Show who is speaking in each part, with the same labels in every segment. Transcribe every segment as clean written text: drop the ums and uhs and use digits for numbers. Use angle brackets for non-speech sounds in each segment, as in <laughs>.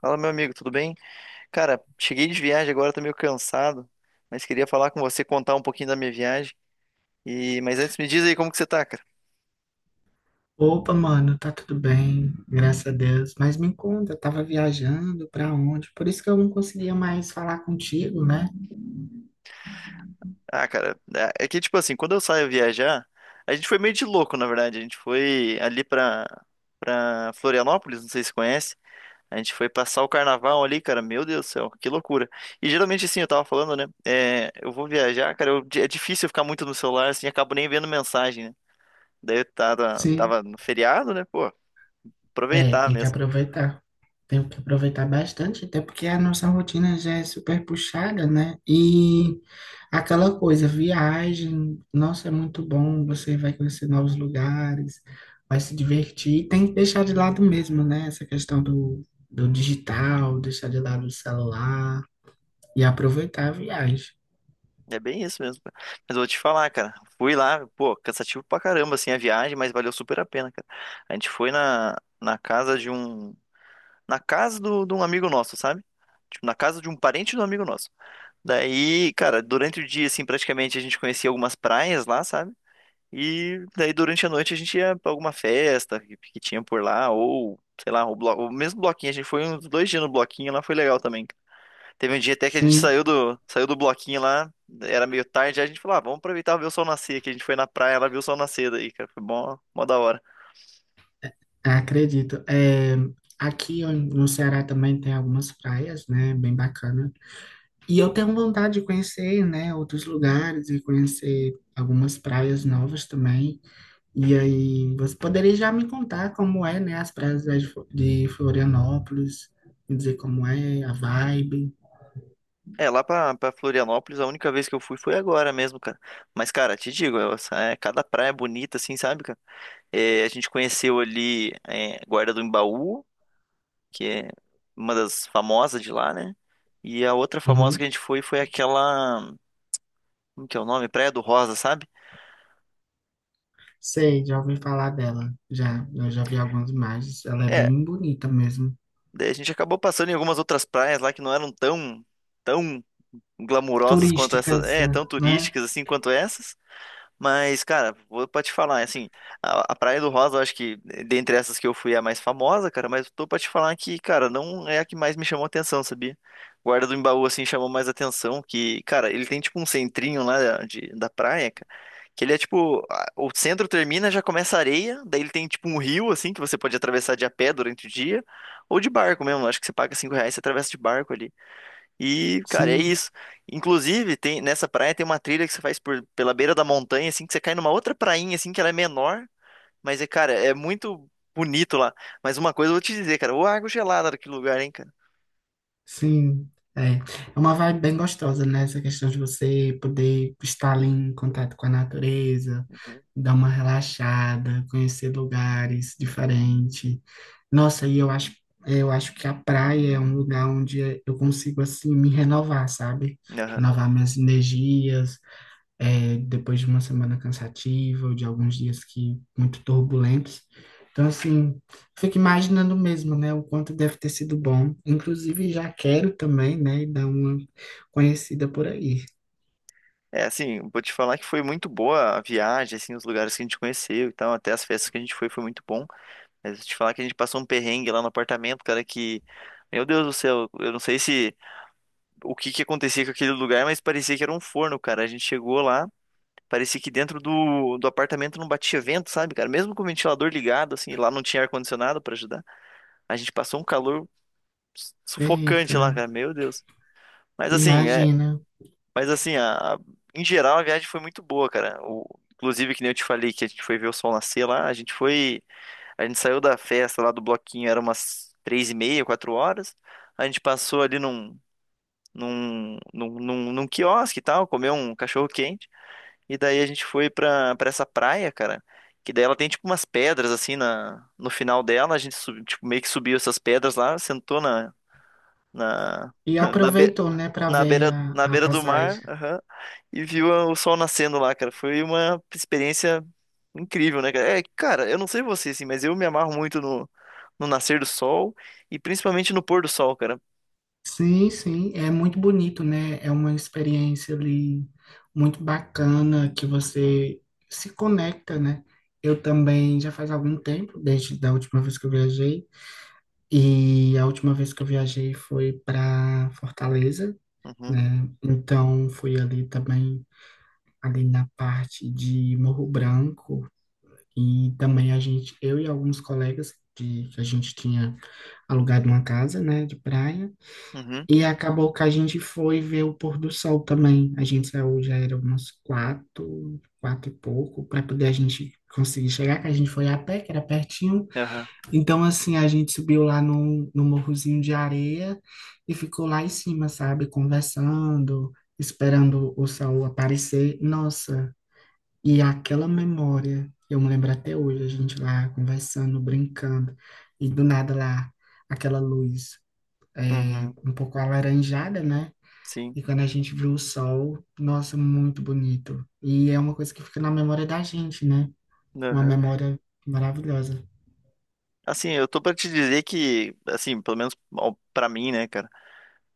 Speaker 1: Fala, meu amigo, tudo bem? Cara, cheguei de viagem agora, tô meio cansado, mas queria falar com você, contar um pouquinho da minha viagem. E mas antes me diz aí como que você tá, cara?
Speaker 2: Opa, mano, tá tudo bem, graças a Deus. Mas me conta, eu tava viajando pra onde? Por isso que eu não conseguia mais falar contigo, né?
Speaker 1: Ah, cara, é que tipo assim, quando eu saio viajar, a gente foi meio de louco, na verdade. A gente foi ali pra para Florianópolis, não sei se conhece. A gente foi passar o carnaval ali, cara. Meu Deus do céu, que loucura. E geralmente assim, eu tava falando, né? É, eu vou viajar, cara, é difícil eu ficar muito no celular, assim, acabo nem vendo mensagem, né? Daí eu tava,
Speaker 2: Sim,
Speaker 1: tava no feriado, né? Pô,
Speaker 2: é,
Speaker 1: aproveitar
Speaker 2: tem que
Speaker 1: mesmo.
Speaker 2: aproveitar. Tenho que aproveitar bastante, até porque a nossa rotina já é super puxada, né? E aquela coisa, viagem, nossa, é muito bom, você vai conhecer novos lugares, vai se divertir, tem que deixar de lado mesmo, né? Essa questão do digital, deixar de lado o celular. E aproveitar a viagem.
Speaker 1: É bem isso mesmo, cara. Mas eu vou te falar, cara. Fui lá, pô, cansativo pra caramba, assim, a viagem, mas valeu super a pena, cara. A gente foi na casa de um. Na casa de um amigo nosso, sabe? Tipo, na casa de um parente do amigo nosso. Daí, cara, durante o dia, assim, praticamente a gente conhecia algumas praias lá, sabe? E daí durante a noite a gente ia pra alguma festa que tinha por lá, ou, sei lá, o, o mesmo bloquinho. A gente foi uns 2 dias no bloquinho lá, foi legal também. Teve um dia até que a gente
Speaker 2: Sim,
Speaker 1: saiu do bloquinho lá, era meio tarde, aí a gente falou, ah, vamos aproveitar e ver o sol nascer, que a gente foi na praia, ela viu o sol nascer daí, cara, foi bom, mó da hora.
Speaker 2: acredito. É, no Ceará também tem algumas praias, né? Bem bacana. E eu tenho vontade de conhecer, né, outros lugares e conhecer algumas praias novas também. E aí, você poderia já me contar como é, né, as praias de de Florianópolis, me dizer como é, a vibe.
Speaker 1: É, lá pra, pra Florianópolis, a única vez que eu fui foi agora mesmo, cara. Mas, cara, te digo, é, cada praia é bonita, assim, sabe, cara? É, a gente conheceu ali é, Guarda do Embaú, que é uma das famosas de lá, né? E a outra famosa que a
Speaker 2: Uhum.
Speaker 1: gente foi aquela, como que é o nome? Praia do Rosa, sabe?
Speaker 2: Sei, já ouvi falar dela. Já, eu já vi algumas imagens. Ela é
Speaker 1: É.
Speaker 2: bem bonita mesmo.
Speaker 1: Daí a gente acabou passando em algumas outras praias lá que não eram tão glamurosas quanto essas,
Speaker 2: Turísticas,
Speaker 1: é, tão
Speaker 2: né?
Speaker 1: turísticas assim quanto essas. Mas, cara, vou pra te falar, assim, a Praia do Rosa, eu acho que dentre essas que eu fui é a mais famosa, cara, mas tô pra te falar que, cara, não é a que mais me chamou atenção, sabia? Guarda do Embaú, assim, chamou mais atenção, que, cara, ele tem tipo um centrinho lá eh, de, da praia, cara, que ele é tipo, o centro termina, já começa a areia, daí ele tem tipo um rio, assim, que você pode atravessar de a pé durante o dia, ou de barco mesmo, acho que você paga 5 reais e você atravessa de barco ali. E, cara, é
Speaker 2: Sim,
Speaker 1: isso. Inclusive, tem, nessa praia tem uma trilha que você faz pela beira da montanha, assim, que você cai numa outra prainha, assim, que ela é menor, mas é, cara, é muito bonito lá. Mas uma coisa eu vou te dizer, cara, ô água gelada daquele lugar, hein, cara.
Speaker 2: sim. É. É uma vibe bem gostosa, né? Essa questão de você poder estar ali em contato com a natureza,
Speaker 1: Uhum.
Speaker 2: dar uma relaxada, conhecer lugares diferentes. Nossa, eu acho que a praia é um lugar onde eu consigo, assim, me renovar, sabe?
Speaker 1: Aham.
Speaker 2: Renovar minhas energias, é, depois de uma semana cansativa ou de alguns dias que muito turbulentos. Então, assim, fico imaginando mesmo, né, o quanto deve ter sido bom. Inclusive, já quero também, né, dar uma conhecida por aí.
Speaker 1: É, assim, vou te falar que foi muito boa a viagem, assim, os lugares que a gente conheceu e tal, até as festas que a gente foi, foi muito bom. Mas vou te falar que a gente passou um perrengue lá no apartamento, cara, que, meu Deus do céu, eu não sei se, o que que acontecia com aquele lugar, mas parecia que era um forno, cara. A gente chegou lá. Parecia que dentro do apartamento não batia vento, sabe, cara? Mesmo com o ventilador ligado, assim, lá não tinha ar-condicionado pra ajudar. A gente passou um calor
Speaker 2: Eita,
Speaker 1: sufocante lá, cara. Meu Deus. Mas assim, é,
Speaker 2: imagina.
Speaker 1: mas assim, em geral a viagem foi muito boa, cara. O, inclusive, que nem eu te falei que a gente foi ver o sol nascer lá, a gente foi, a gente saiu da festa lá do bloquinho, era umas 3h30, 4h. A gente passou ali num quiosque e tal, comeu um cachorro quente. E daí a gente foi pra essa praia, cara. Que daí ela tem tipo umas pedras assim na, no final dela. A gente tipo, meio que subiu essas pedras lá, sentou na,
Speaker 2: E
Speaker 1: <laughs> na, be-
Speaker 2: aproveitou, né, para
Speaker 1: na
Speaker 2: ver
Speaker 1: na
Speaker 2: a
Speaker 1: beira do
Speaker 2: passagem.
Speaker 1: mar, aham, e viu o sol nascendo lá, cara. Foi uma experiência incrível, né, cara? É, cara, eu não sei você, assim, mas eu me amarro muito no nascer do sol e principalmente no pôr do sol, cara.
Speaker 2: Sim, sim, é muito bonito, né? É uma experiência ali muito bacana que você se conecta, né? Eu também já faz algum tempo, desde da última vez que eu viajei, e a última vez que eu viajei foi para Fortaleza,
Speaker 1: Uhum,
Speaker 2: né? Então fui ali também ali na parte de Morro Branco e também a gente, eu e alguns colegas de, que a gente tinha alugado uma casa, né, de praia.
Speaker 1: uhum,
Speaker 2: E acabou que a gente foi ver o pôr do sol também. A gente saiu, já era umas quatro, quatro e pouco, para poder a gente conseguir chegar, que a gente foi a pé, que era pertinho.
Speaker 1: aham,
Speaker 2: Então, assim, a gente subiu lá no morrozinho de areia e ficou lá em cima, sabe, conversando, esperando o sol aparecer. Nossa, e aquela memória, eu me lembro até hoje, a gente lá conversando, brincando, e do nada lá, aquela luz. É,
Speaker 1: uhum,
Speaker 2: um pouco alaranjada, né?
Speaker 1: sim,
Speaker 2: E quando a gente viu o sol, nossa, muito bonito. E é uma coisa que fica na memória da gente, né? Uma
Speaker 1: aham.
Speaker 2: memória maravilhosa.
Speaker 1: Assim, eu tô pra te dizer que, assim, pelo menos pra mim, né, cara,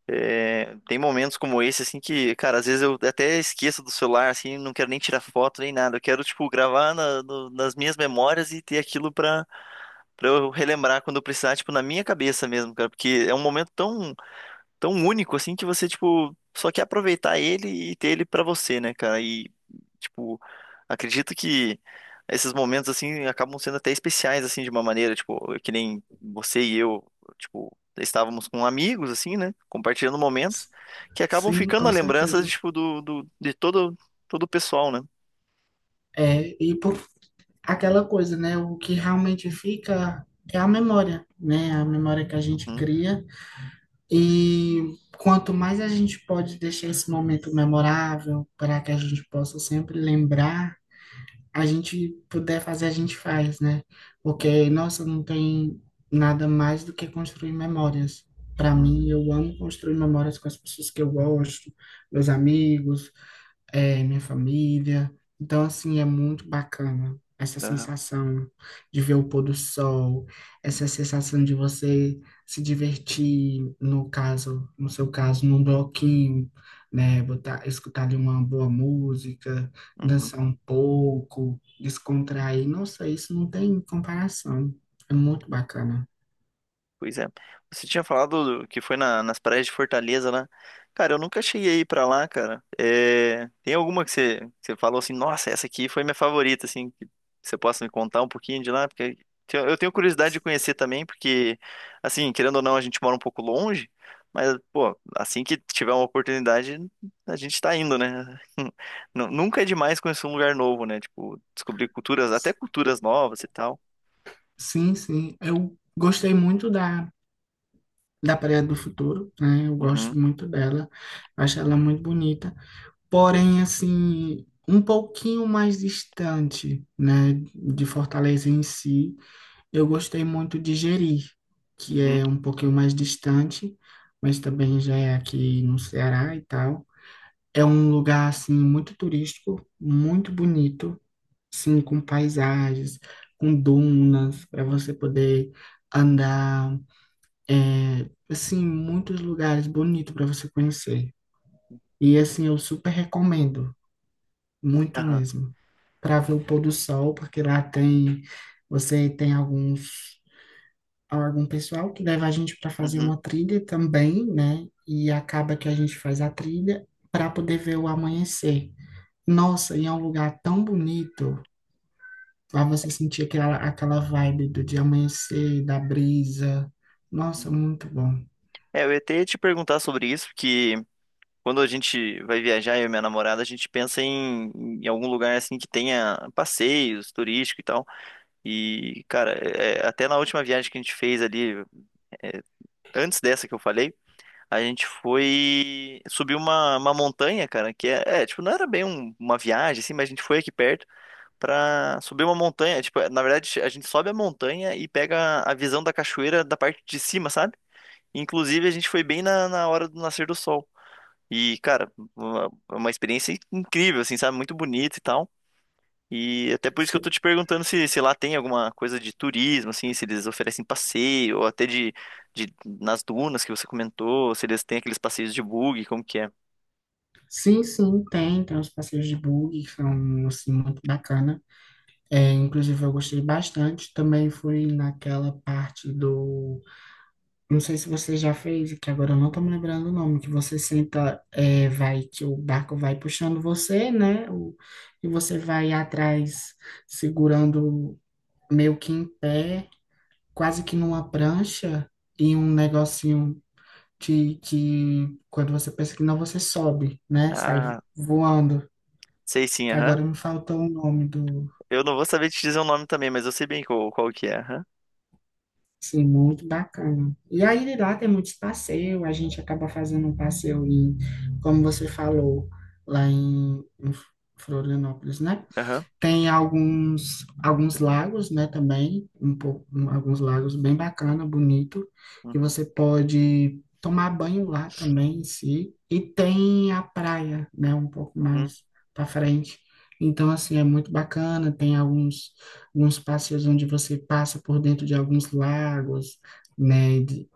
Speaker 1: é, tem momentos como esse, assim, que, cara, às vezes eu até esqueço do celular, assim, não quero nem tirar foto nem nada. Eu quero, tipo, gravar nas minhas memórias e ter aquilo pra eu relembrar quando eu precisar, tipo, na minha cabeça mesmo, cara, porque é um momento tão único assim que você, tipo, só quer aproveitar ele e ter ele pra você, né, cara? E, tipo, acredito que esses momentos assim acabam sendo até especiais assim de uma maneira, tipo, que nem você e eu, tipo, estávamos com amigos assim, né, compartilhando momentos
Speaker 2: S-
Speaker 1: que acabam
Speaker 2: Sim,
Speaker 1: ficando a
Speaker 2: com
Speaker 1: lembrança
Speaker 2: certeza.
Speaker 1: tipo do, do de todo o pessoal, né?
Speaker 2: É, e por aquela coisa, né? O que realmente fica é a memória, né? A memória que a gente
Speaker 1: Uhum,
Speaker 2: cria. E quanto mais a gente pode deixar esse momento memorável para que a gente possa sempre lembrar a gente puder fazer, a gente faz, né? Porque,
Speaker 1: uhum,
Speaker 2: nossa, não tem nada mais do que construir memórias. Para mim,
Speaker 1: uhum,
Speaker 2: eu amo construir memórias com as pessoas que eu gosto, meus amigos, é, minha família. Então, assim, é muito bacana essa
Speaker 1: aham,
Speaker 2: sensação de ver o pôr do sol, essa sensação de você se divertir, no caso, no seu caso, num bloquinho, né? Botar, escutar ali uma boa música,
Speaker 1: uhum.
Speaker 2: dançar um pouco, descontrair. Nossa, isso não tem comparação. É muito bacana.
Speaker 1: Pois é. Você tinha falado que foi nas praias de Fortaleza lá. Cara, eu nunca cheguei a ir pra lá, cara. É, tem alguma que que você falou assim, nossa, essa aqui foi minha favorita, assim, que você possa me contar um pouquinho de lá? Porque eu tenho curiosidade de conhecer também, porque, assim, querendo ou não, a gente mora um pouco longe, mas, pô, assim que tiver uma oportunidade, a gente tá indo, né? <laughs> Nunca é demais conhecer um lugar novo, né? Tipo, descobrir culturas, até culturas novas e tal.
Speaker 2: Sim, sim. Eu gostei muito da Praia do Futuro, né? Eu
Speaker 1: Uhum,
Speaker 2: gosto muito dela, acho ela muito bonita. Porém, assim, um pouquinho mais distante, né, de Fortaleza em si, eu gostei muito de Jeri, que
Speaker 1: uhum,
Speaker 2: é um pouquinho mais distante, mas também já é aqui no Ceará e tal. É um lugar, assim, muito turístico, muito bonito, sim, com paisagens, com dunas, para você poder andar é, assim, muitos lugares bonitos para você conhecer. E assim, eu super recomendo, muito
Speaker 1: aham,
Speaker 2: mesmo, para ver o pôr do sol, porque lá tem, você tem alguns, algum pessoal que leva a gente para fazer
Speaker 1: uhum.
Speaker 2: uma trilha também, né? E acaba que a gente faz a trilha para poder ver o amanhecer. Nossa, e é um lugar tão bonito, para você sentir aquela vibe do de amanhecer, da brisa. Nossa, muito bom.
Speaker 1: É, eu ia até te perguntar sobre isso, porque quando a gente vai viajar, eu e minha namorada, a gente pensa em algum lugar assim que tenha passeios turístico e tal. E, cara, até na última viagem que a gente fez ali, antes dessa que eu falei, a gente foi subir uma montanha, cara, que é, é, tipo, não era bem uma viagem, assim, mas a gente foi aqui perto pra subir uma montanha. É, tipo, é, na verdade, a gente sobe a montanha e pega a visão da cachoeira da parte de cima, sabe? Inclusive, a gente foi bem na hora do nascer do sol. E, cara, uma experiência incrível, assim, sabe? Muito bonita e tal. E até por isso que eu tô te perguntando se lá tem alguma coisa de turismo, assim, se eles oferecem passeio, ou até de nas dunas que você comentou, se eles têm aqueles passeios de bug, como que é.
Speaker 2: Sim, sim, tem, tem os passeios de buggy que são, assim, muito bacana. É, inclusive, eu gostei bastante. Também fui naquela parte do... Não sei se você já fez, que agora eu não tô me lembrando o nome, que você senta, é, vai, que o barco vai puxando você, né? O, e você vai atrás segurando meio que em pé, quase que numa prancha, e um negocinho que quando você pensa que não, você sobe, né? Sai
Speaker 1: Ah,
Speaker 2: voando.
Speaker 1: sei sim, aham.
Speaker 2: Agora me faltou o nome do.
Speaker 1: Eu não vou saber te dizer o nome também, mas eu sei bem qual que é, aham.
Speaker 2: Sim, muito bacana. E aí lá tem muitos passeios, a gente acaba fazendo um passeio em, como você falou, lá em Florianópolis, né?
Speaker 1: Aham.
Speaker 2: Tem alguns, alguns lagos, né, também, um pouco, alguns lagos bem bacana, bonito, que
Speaker 1: Uhum.
Speaker 2: você pode tomar banho lá também em si. E tem a praia, né, um pouco
Speaker 1: Uhum.
Speaker 2: mais para frente. Então, assim, é muito bacana, tem alguns, alguns passeios onde você passa por dentro de alguns lagos, né, de-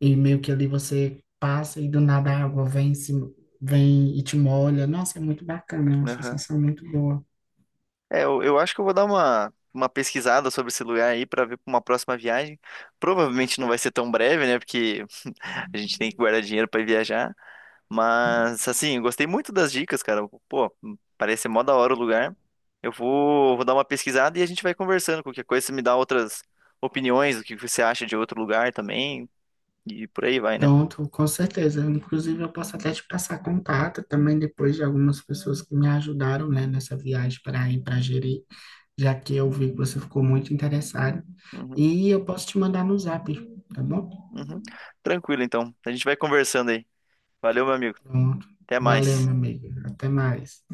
Speaker 2: e meio que ali você passa e do nada a água vem, em cima- vem e te molha. Nossa, é muito bacana, é uma
Speaker 1: Aham.
Speaker 2: sensação muito boa.
Speaker 1: É, eu acho que eu vou dar uma pesquisada sobre esse lugar aí pra ver pra uma próxima viagem. Provavelmente não vai ser tão breve, né? Porque a gente tem que guardar dinheiro para viajar. Mas, assim, eu gostei muito das dicas, cara. Pô, parece ser mó da hora o lugar. Eu vou dar uma pesquisada e a gente vai conversando. Qualquer coisa, você me dá outras opiniões, o que você acha de outro lugar também. E por aí vai, né?
Speaker 2: Pronto, com certeza. Inclusive, eu posso até te passar contato também depois de algumas pessoas que me ajudaram, né, nessa viagem para ir para Jeri, já que eu vi que você ficou muito interessado.
Speaker 1: Uhum,
Speaker 2: E eu posso te mandar no zap, tá bom?
Speaker 1: uhum. Tranquilo, então. A gente vai conversando aí. Valeu, meu amigo.
Speaker 2: Pronto.
Speaker 1: Até
Speaker 2: Valeu,
Speaker 1: mais.
Speaker 2: meu amigo. Até mais.